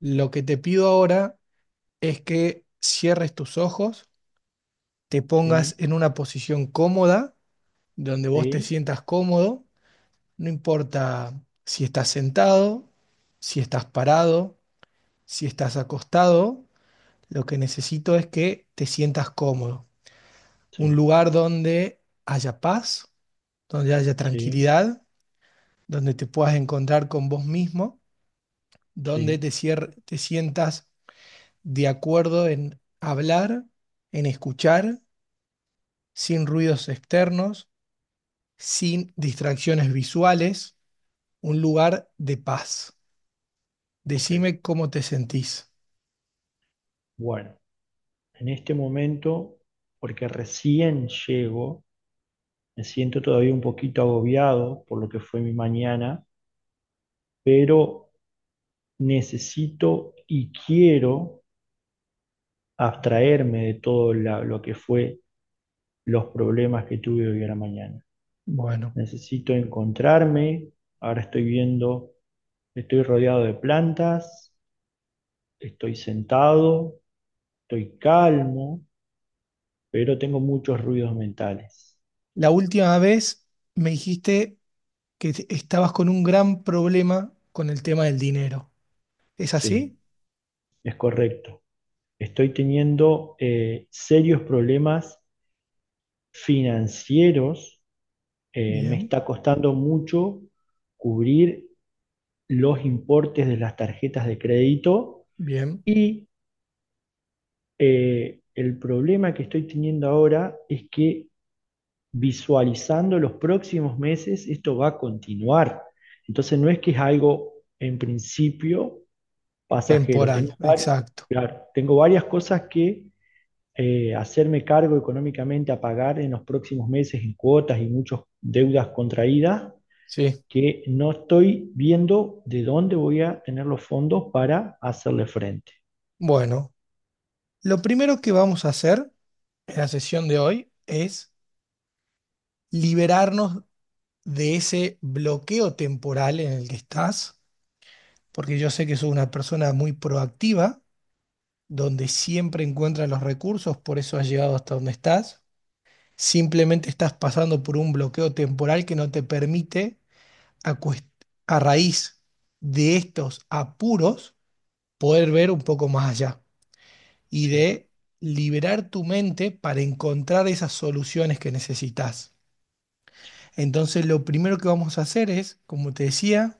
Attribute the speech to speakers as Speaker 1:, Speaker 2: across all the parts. Speaker 1: Lo que te pido ahora es que cierres tus ojos, te pongas
Speaker 2: Sí,
Speaker 1: en una posición cómoda, donde vos te
Speaker 2: sí,
Speaker 1: sientas cómodo, no importa si estás sentado, si estás parado, si estás acostado, lo que necesito es que te sientas cómodo. Un
Speaker 2: sí,
Speaker 1: lugar donde haya paz, donde haya
Speaker 2: sí,
Speaker 1: tranquilidad, donde te puedas encontrar con vos mismo, donde
Speaker 2: sí,
Speaker 1: te, te sientas de acuerdo en hablar, en escuchar, sin ruidos externos, sin distracciones visuales, un lugar de paz.
Speaker 2: ok.
Speaker 1: Decime cómo te sentís.
Speaker 2: Bueno, en este momento, porque recién llego, me siento todavía un poquito agobiado por lo que fue mi mañana, pero necesito y quiero abstraerme de todo lo que fue los problemas que tuve hoy a la mañana.
Speaker 1: Bueno,
Speaker 2: Necesito encontrarme, ahora estoy viendo, estoy rodeado de plantas, estoy sentado, estoy calmo pero tengo muchos ruidos mentales.
Speaker 1: la última vez me dijiste que estabas con un gran problema con el tema del dinero. ¿Es
Speaker 2: Sí,
Speaker 1: así?
Speaker 2: es correcto. Estoy teniendo serios problemas financieros. Me
Speaker 1: Bien,
Speaker 2: está costando mucho cubrir los importes de las tarjetas de crédito
Speaker 1: bien.
Speaker 2: y el problema que estoy teniendo ahora es que visualizando los próximos meses esto va a continuar. Entonces no es que es algo en principio pasajero.
Speaker 1: Temporal,
Speaker 2: Tengo,
Speaker 1: exacto.
Speaker 2: claro, tengo varias cosas que hacerme cargo económicamente a pagar en los próximos meses en cuotas y muchas deudas contraídas
Speaker 1: Sí.
Speaker 2: que no estoy viendo de dónde voy a tener los fondos para hacerle frente.
Speaker 1: Bueno, lo primero que vamos a hacer en la sesión de hoy es liberarnos de ese bloqueo temporal en el que estás, porque yo sé que sos una persona muy proactiva, donde siempre encuentras los recursos, por eso has llegado hasta donde estás. Simplemente estás pasando por un bloqueo temporal que no te permite, a, a raíz de estos apuros, poder ver un poco más allá y
Speaker 2: Sí,
Speaker 1: de liberar tu mente para encontrar esas soluciones que necesitas.
Speaker 2: sí,
Speaker 1: Entonces, lo primero que vamos a hacer es, como te decía,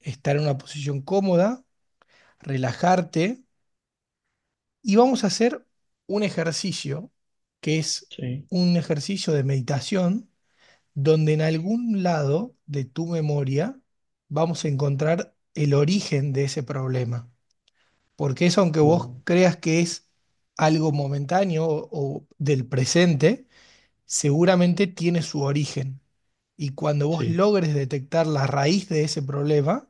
Speaker 1: estar en una posición cómoda, relajarte y vamos a hacer un ejercicio que es
Speaker 2: sí,
Speaker 1: un ejercicio de meditación donde en algún lado de tu memoria vamos a encontrar el origen de ese problema. Porque eso, aunque vos
Speaker 2: bueno,
Speaker 1: creas que es algo momentáneo o del presente, seguramente tiene su origen. Y cuando vos
Speaker 2: sí,
Speaker 1: logres detectar la raíz de ese problema,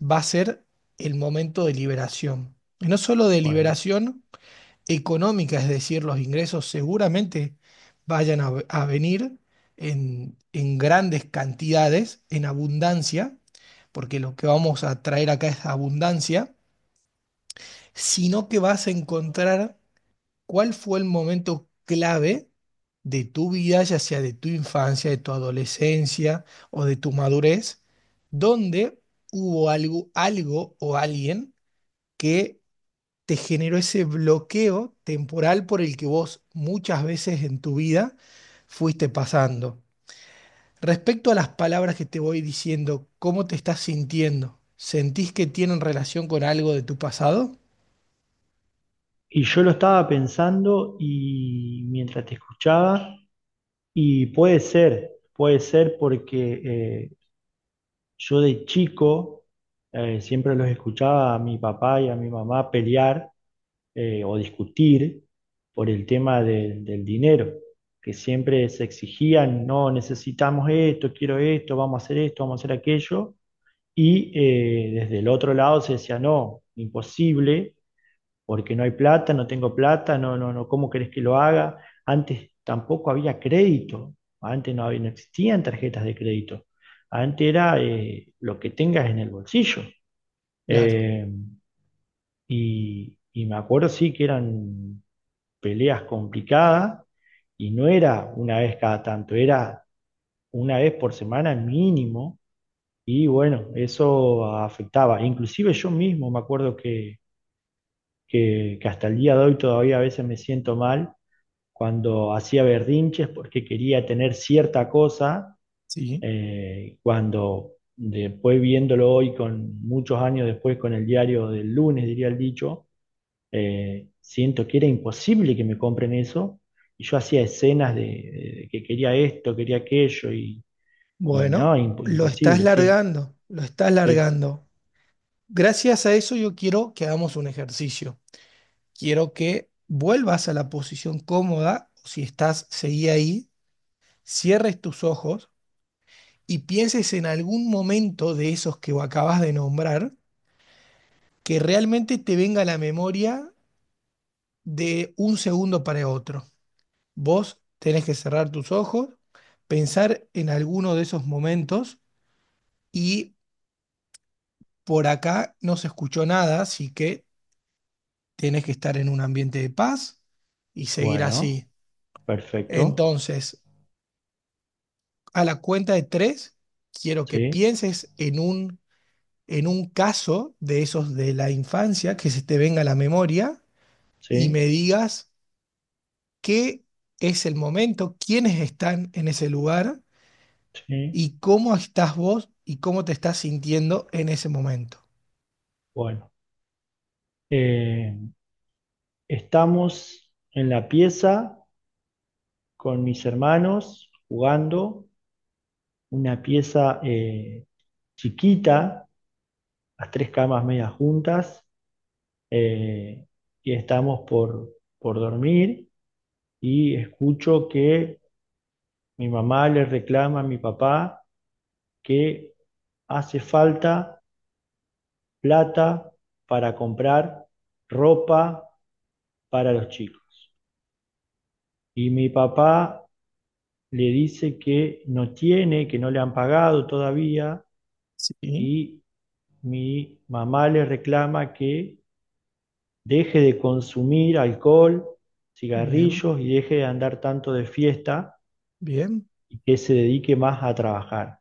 Speaker 1: va a ser el momento de liberación. Y no solo de
Speaker 2: bueno.
Speaker 1: liberación económica, es decir, los ingresos seguramente vayan a venir en grandes cantidades, en abundancia, porque lo que vamos a traer acá es abundancia, sino que vas a encontrar cuál fue el momento clave de tu vida, ya sea de tu infancia, de tu adolescencia o de tu madurez, donde hubo algo, algo o alguien que te generó ese bloqueo temporal por el que vos muchas veces en tu vida fuiste pasando. Respecto a las palabras que te voy diciendo, ¿cómo te estás sintiendo? ¿Sentís que tienen relación con algo de tu pasado?
Speaker 2: Y yo lo estaba pensando y mientras te escuchaba, y puede ser porque yo de chico siempre los escuchaba a mi papá y a mi mamá pelear, o discutir por el tema del dinero, que siempre se exigían, no necesitamos esto, quiero esto, vamos a hacer esto, vamos a hacer aquello, y desde el otro lado se decía, no, imposible, porque no hay plata, no tengo plata, no, no, no, ¿cómo querés que lo haga? Antes tampoco había crédito, antes no, no existían tarjetas de crédito, antes era lo que tengas en el bolsillo.
Speaker 1: Claro.
Speaker 2: Eh, y me acuerdo sí que eran peleas complicadas y no era una vez cada tanto, era una vez por semana mínimo y bueno, eso afectaba. Inclusive yo mismo me acuerdo que, que hasta el día de hoy todavía a veces me siento mal cuando hacía berrinches porque quería tener cierta cosa,
Speaker 1: Sí.
Speaker 2: cuando después viéndolo hoy con muchos años después con el diario del lunes, diría el dicho, siento que era imposible que me compren eso. Y yo hacía escenas de que quería esto, quería aquello, y no,
Speaker 1: Bueno, lo estás
Speaker 2: imposible, sí,
Speaker 1: largando, lo estás
Speaker 2: sí.
Speaker 1: largando. Gracias a eso yo quiero que hagamos un ejercicio. Quiero que vuelvas a la posición cómoda, o si estás, seguí ahí, cierres tus ojos y pienses en algún momento de esos que acabas de nombrar, que realmente te venga a la memoria de un segundo para otro. Vos tenés que cerrar tus ojos, pensar en alguno de esos momentos y por acá no se escuchó nada, así que tenés que estar en un ambiente de paz y seguir
Speaker 2: Bueno,
Speaker 1: así.
Speaker 2: perfecto,
Speaker 1: Entonces, a la cuenta de tres, quiero que
Speaker 2: sí,
Speaker 1: pienses en un caso de esos de la infancia que se te venga a la memoria y
Speaker 2: sí,
Speaker 1: me digas qué es el momento, quiénes están en ese lugar
Speaker 2: sí,
Speaker 1: y cómo estás vos y cómo te estás sintiendo en ese momento.
Speaker 2: bueno. Eh, estamos en la pieza con mis hermanos jugando, una pieza chiquita, las tres camas medias juntas, eh, y estamos por dormir y escucho que mi mamá le reclama a mi papá que hace falta plata para comprar ropa para los chicos. Y mi papá le dice que no tiene, que no le han pagado todavía
Speaker 1: Sí,
Speaker 2: y mi mamá le reclama que deje de consumir alcohol,
Speaker 1: bien,
Speaker 2: cigarrillos y deje de andar tanto de fiesta
Speaker 1: bien.
Speaker 2: y que se dedique más a trabajar.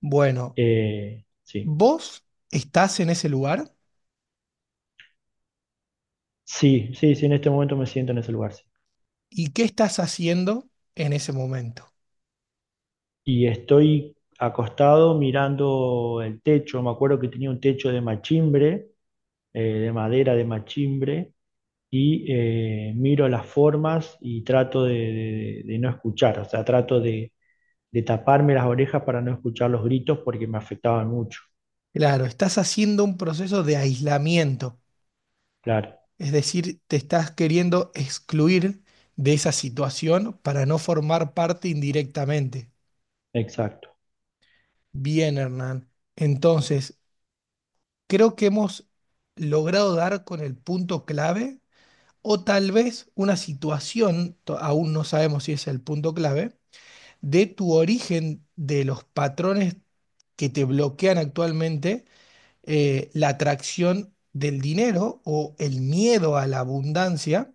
Speaker 1: Bueno,
Speaker 2: Sí,
Speaker 1: vos estás en ese lugar
Speaker 2: sí, sí, sí, en este momento me siento en ese lugar. Sí.
Speaker 1: y qué estás haciendo en ese momento.
Speaker 2: Y estoy acostado mirando el techo, me acuerdo que tenía un techo de machimbre, de madera de machimbre, y miro las formas y trato de, de no escuchar, o sea, trato de taparme las orejas para no escuchar los gritos porque me afectaban mucho.
Speaker 1: Claro, estás haciendo un proceso de aislamiento,
Speaker 2: Claro,
Speaker 1: es decir, te estás queriendo excluir de esa situación para no formar parte indirectamente.
Speaker 2: exacto.
Speaker 1: Bien, Hernán. Entonces, creo que hemos logrado dar con el punto clave, o tal vez una situación, aún no sabemos si es el punto clave, de tu origen de los patrones que te bloquean actualmente la atracción del dinero o el miedo a la abundancia,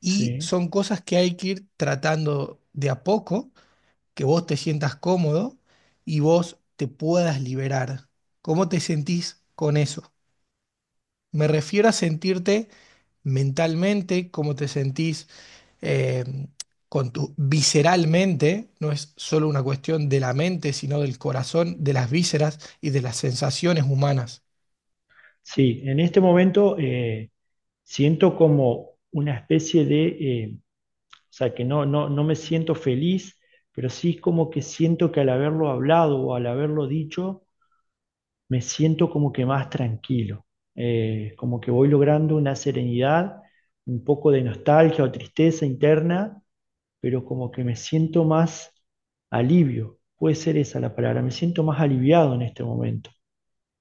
Speaker 1: y
Speaker 2: Sí,
Speaker 1: son cosas que hay que ir tratando de a poco, que vos te sientas cómodo y vos te puedas liberar. ¿Cómo te sentís con eso? Me refiero a sentirte mentalmente, cómo te sentís eh, con tu visceralmente, no es solo una cuestión de la mente, sino del corazón, de las vísceras y de las sensaciones humanas.
Speaker 2: sí, en este momento siento como una especie de, o sea, que no, no, no me siento feliz, pero sí es como que siento que al haberlo hablado o al haberlo dicho, me siento como que más tranquilo, como que voy logrando una serenidad, un poco de nostalgia o tristeza interna, pero como que me siento más alivio, puede ser esa la palabra, me siento más aliviado en este momento.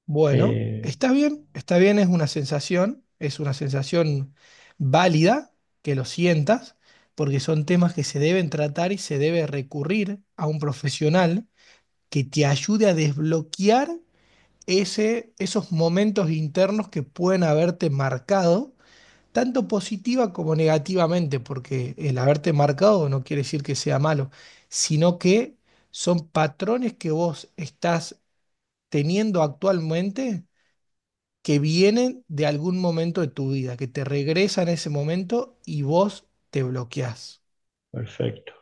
Speaker 1: Bueno,
Speaker 2: Eh,
Speaker 1: está bien, es una sensación válida que lo sientas, porque son temas que se deben tratar y se debe recurrir a un profesional que te ayude a desbloquear ese, esos momentos internos que pueden haberte marcado, tanto positiva como negativamente, porque el haberte marcado no quiere decir que sea malo, sino que son patrones que vos estás teniendo actualmente que vienen de algún momento de tu vida, que te regresan ese momento y vos te bloqueás.
Speaker 2: perfecto.